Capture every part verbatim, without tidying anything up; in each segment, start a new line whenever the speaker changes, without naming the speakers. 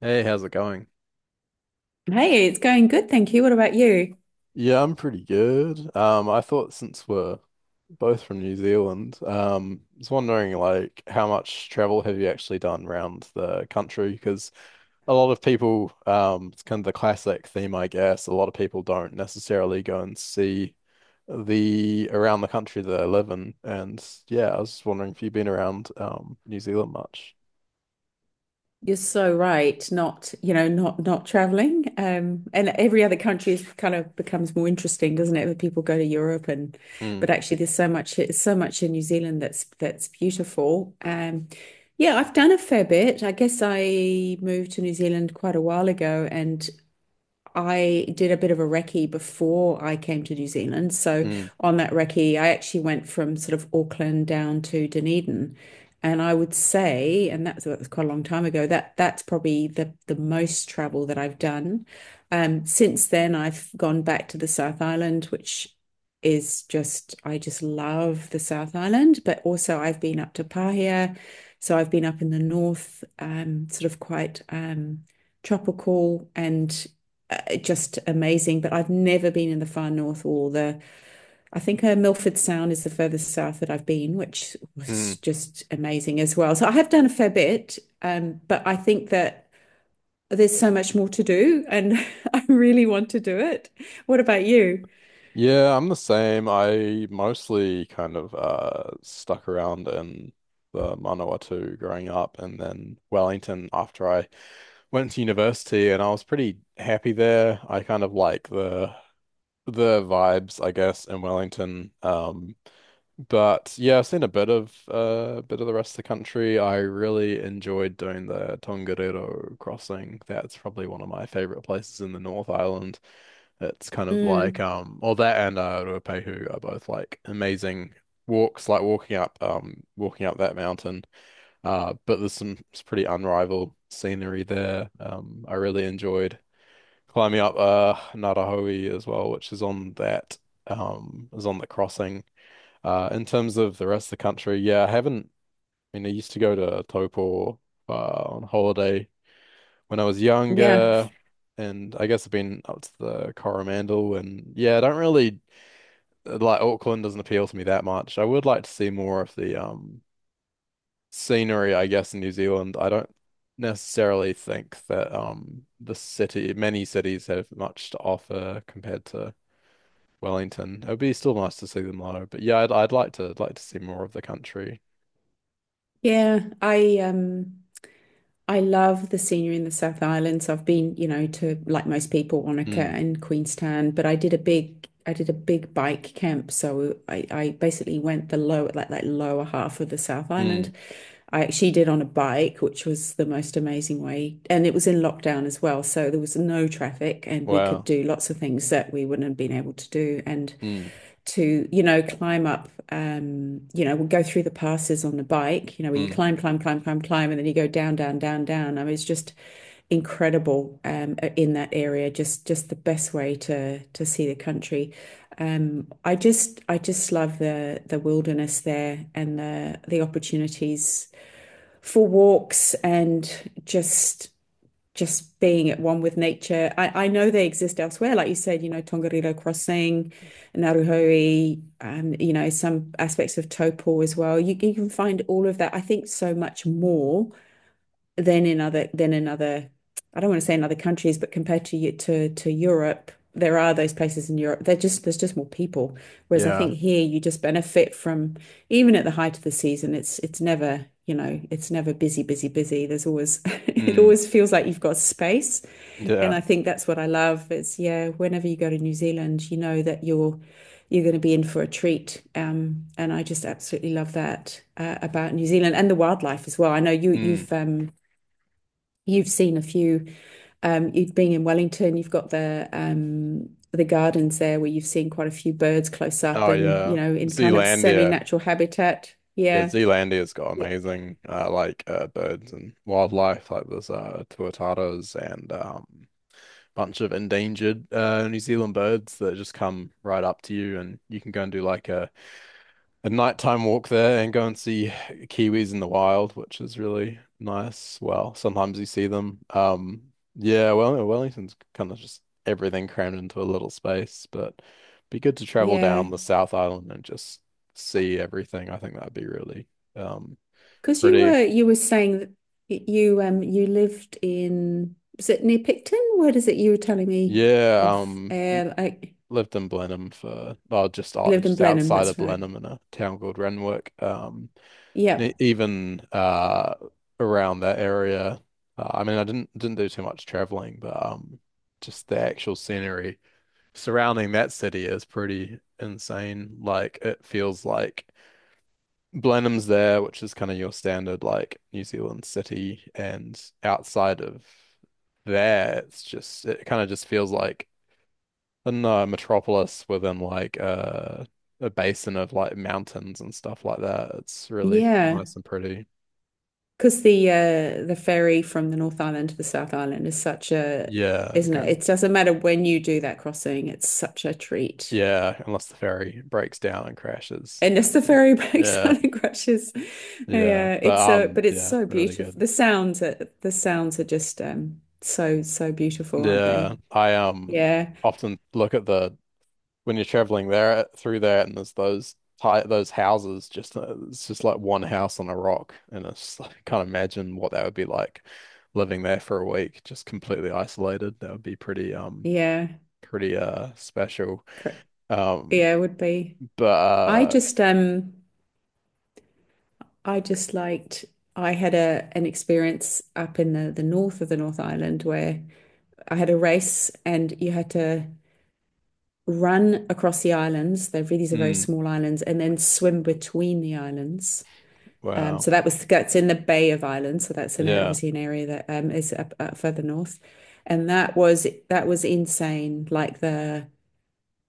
Hey, how's it going?
Hey, it's going good, thank you. What about you?
Yeah, I'm pretty good. Um, I thought since we're both from New Zealand, um, I was wondering like how much travel have you actually done around the country? Because a lot of people, um, it's kind of the classic theme, I guess. A lot of people don't necessarily go and see the around the country that they live in. And yeah, I was just wondering if you've been around um New Zealand much.
You're so right. Not, you know, not not traveling. Um, and every other country is kind of becomes more interesting, doesn't it? When people go to Europe and, but
Mm,
actually, there's so much, so much in New Zealand that's that's beautiful. Um, yeah, I've done a fair bit. I guess I moved to New Zealand quite a while ago, and I did a bit of a recce before I came to New Zealand. So
mm,
on that recce, I actually went from sort of Auckland down to Dunedin. And I would say, and that's that was quite a long time ago, that that's probably the the most travel that I've done. Um, since then, I've gone back to the South Island, which is just, I just love the South Island, but also I've been up to Pahia. So I've been up in the north, um, sort of quite um, tropical and uh, just amazing. But I've never been in the far north or the, I think uh, Milford Sound is the furthest south that I've been, which was
mm.
just amazing as well. So I have done a fair bit, um, but I think that there's so much more to do and I really want to do it. What about you?
Yeah, I'm the same. I mostly kind of uh stuck around in the Manawatu growing up and then Wellington after I went to university, and I was pretty happy there. I kind of like the the vibes, I guess, in Wellington. Um, but yeah, I've seen a bit of uh, bit of the rest of the country. I really enjoyed doing the Tongariro crossing. That's probably one of my favorite places in the North Island. It's kind of like
Mm,
um, well, that and uh, Ruapehu are both like amazing walks, like walking up um, walking up that mountain. Uh, but there's some it's pretty unrivaled scenery there. Um, I really enjoyed climbing up uh Narahoe as well, which is on that um is on the crossing. Uh in terms of the rest of the country, yeah, I haven't I mean, I used to go to Taupo uh, on holiday when I was
yeah.
younger, and I guess I've been up to the Coromandel. And yeah, I don't really like Auckland doesn't appeal to me that much. I would like to see more of the um scenery, I guess, in New Zealand. I don't necessarily think that um the city many cities have much to offer compared to Wellington. It would be still nice to see them though. But yeah, I'd I'd like to like to see more of the country.
Yeah. I, um, I love the scenery in the South Island. So I've been, you know, to like most people, Wanaka
Mm,
and Queenstown, but I did a big I did a big bike camp. So I, I basically went the lower like that lower half of the South
mm,
Island. I actually did on a bike, which was the most amazing way. And it was in lockdown as well. So there was no traffic and we could
wow.
do lots of things that we wouldn't have been able to do. And
Mm,
to, you know, climb up, um, you know, we'll go through the passes on the bike, you know, where you
mm,
climb, climb, climb, climb, climb, and then you go down, down, down, down. I mean, it's just incredible um, in that area. Just, just the best way to to see the country. Um, I just, I just love the the wilderness there and the the opportunities for walks and just just being at one with nature. I, I know they exist elsewhere, like you said, you know, Tongariro Crossing, Naruhoe, um, you know, some aspects of Taupo as well. You, you can find all of that. I think so much more than in other than in other I don't want to say in other countries, but compared to to to Europe, there are those places in Europe. They're just there's just more people. Whereas I
yeah.
think here you just benefit from even at the height of the season, it's it's never, you know, it's never busy, busy, busy. There's always it
Mm,
always feels like you've got space. And
yeah.
I think that's what I love is yeah, whenever you go to New Zealand, you know that you're you're going to be in for a treat. Um, and I just absolutely love that uh, about New Zealand and the wildlife as well. I know you
Mm.
you've um, you've seen a few. Um, you've been in Wellington. You've got the um, the gardens there where you've seen quite a few birds close up,
Oh
and you
yeah.
know, in kind of
Zealandia.
semi-natural habitat.
Yeah,
Yeah,
Zealandia's got
yeah,
amazing uh, like uh, birds and wildlife. Like there's uh tuatara and um bunch of endangered uh New Zealand birds that just come right up to you, and you can go and do like a a nighttime walk there and go and see kiwis in the wild, which is really nice. Well, sometimes you see them. Um, yeah, well, Wellington's kind of just everything crammed into a little space, but be good to travel
yeah.
down the South Island and just see everything. I think that'd be really um
Because you
pretty.
were you were saying that y- you um you lived in was it near Picton? Where is it? You were telling me
Yeah,
off
um n-
air. Like
lived in Blenheim for oh just
you
out-
lived in
just
Blenheim.
outside of
That's right.
Blenheim in a town called Renwick. Um
Yeah,
e- even uh around that area. Uh, I mean, I didn't didn't do too much traveling, but um, just the actual scenery surrounding that city is pretty insane. Like it feels like Blenheim's there, which is kind of your standard like New Zealand city, and outside of there, it's just it kind of just feels like, I don't know, a metropolis within like a a basin of like mountains and stuff like that. It's really
yeah.
nice and pretty.
Because the uh the ferry from the North Island to the South Island is such a,
Yeah,
isn't it?
going,
It doesn't matter when you do that crossing, it's such a treat.
yeah, unless the ferry breaks down and crashes.
Unless the ferry breaks
Yeah,
down and crashes.
yeah,
Yeah,
but
it's so
um,
but it's
yeah,
so
really
beautiful.
good.
The sounds are the sounds are just um so so beautiful, aren't they?
Yeah, I um
Yeah,
often look at the when you're traveling there through there, and there's those ti- those houses just uh, it's just like one house on a rock, and it's just like, I can't imagine what that would be like living there for a week, just completely isolated. That would be pretty um
yeah.
pretty uh special.
Cor-
Um,
Yeah, it would be.
but
I
uh,
just um I just liked I had a an experience up in the, the north of the North Island where I had a race and you had to run across the islands. They're really, these are very
Mm,
small islands, and then swim between the islands. Um,
wow,
so that was that's in the Bay of Islands. So that's an
yeah.
obviously an area that um, is up, up further north, and that was that was insane. Like the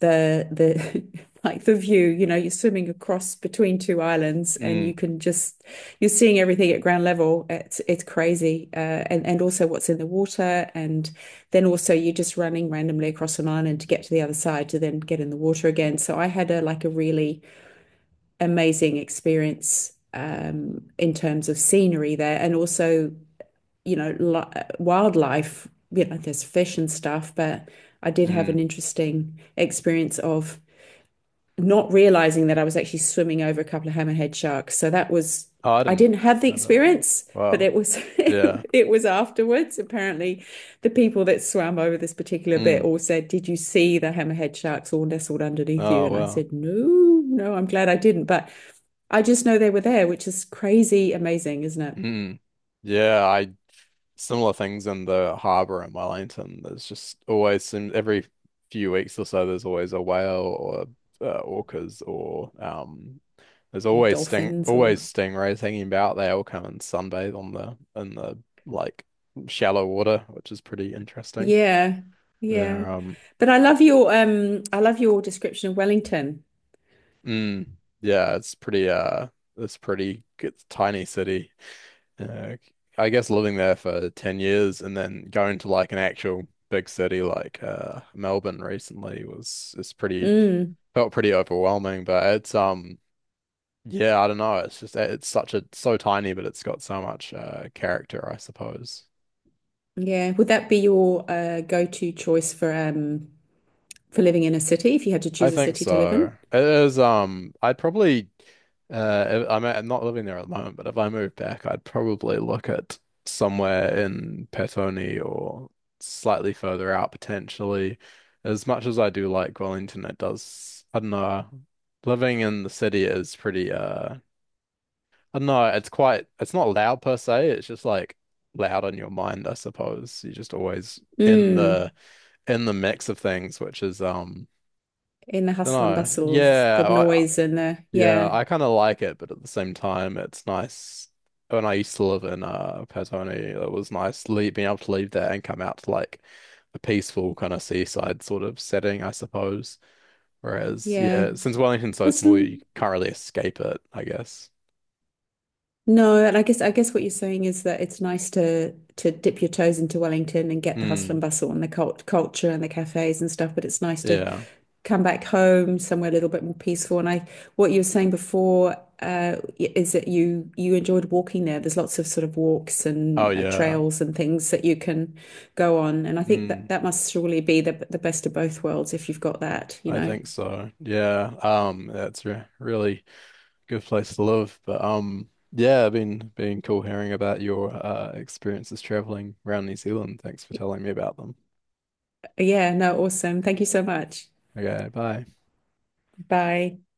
the the like the view, you know, you're swimming across between two islands and you
Mm,
can just you're seeing everything at ground level. It's it's crazy. Uh, and and also what's in the water and then also you're just running randomly across an island to get to the other side to then get in the water again. So I had a like a really amazing experience um in terms of scenery there and also, you know, li wildlife, you know, there's fish and stuff, but I did have an
mm.
interesting experience of not realizing that I was actually swimming over a couple of hammerhead sharks. So that was,
Oh, I
I
didn't
didn't have the
know about that one.
experience, but
Wow.
it was,
Yeah.
it was afterwards. Apparently, the people that swam over this particular bit
Mm.
all said, did you see the hammerhead sharks all nestled underneath you?
Oh,
And I
wow.
said, no, no, I'm glad I didn't. But I just know they were there, which is crazy amazing, isn't it?
Mm. Yeah, I similar things in the harbour in Wellington. There's just always some every few weeks or so there's always a whale or uh, orcas or um there's
Or
always sting
dolphins
always
or,
stingrays hanging about. They all come and sunbathe on the in the like shallow water, which is pretty interesting.
yeah, yeah.
They're um
But I love your, um, I love your description of Wellington.
Mm, yeah, it's pretty uh it's pretty it's a tiny city. Uh, I guess living there for ten years and then going to like an actual big city like uh Melbourne recently was it's pretty
Mm.
felt pretty overwhelming, but it's um yeah, I don't know, it's just it's such a so tiny, but it's got so much uh character, I suppose.
Yeah. Would that be your uh, go-to choice for um for living in a city if you had to
I
choose a
think
city to live
so.
in?
It is, um, I'd probably, uh, if- I'm, I'm not living there at the moment, but if I move back, I'd probably look at somewhere in Petone or slightly further out potentially. As much as I do like Wellington, it does, I don't know, living in the city is pretty, uh, I don't know, it's quite, it's not loud per se, it's just like loud on your mind, I suppose. You're just always in
Mm.
the, in the mix of things, which is, um,
In the hustle and
no,
bustle of the
yeah,
noise and the
yeah,
yeah,
I kind of like it, but at the same time, it's nice. When I used to live in uh Patagonia, it was nice leave, being able to leave there and come out to like a peaceful kind of seaside sort of setting, I suppose. Whereas,
yeah.
yeah, since Wellington's so
It's,
small, you can't really escape it, I guess.
no, and I guess I guess what you're saying is that it's nice to to dip your toes into Wellington and get the hustle
Hmm.
and bustle and the cult culture and the cafes and stuff, but it's nice to
Yeah.
come back home somewhere a little bit more peaceful. And I, what you were saying before, uh, is that you you enjoyed walking there. There's lots of sort of walks and
Oh,
uh,
yeah.
trails and things that you can go on. And I think that
Hmm.
that must surely be the the best of both worlds if you've got that, you
I
know.
think so. Yeah. Um. That's re really. good place to live. But um yeah, I've been been cool hearing about your uh experiences traveling around New Zealand. Thanks for telling me about them.
Yeah, no, awesome. Thank you so much.
Okay, bye.
Bye.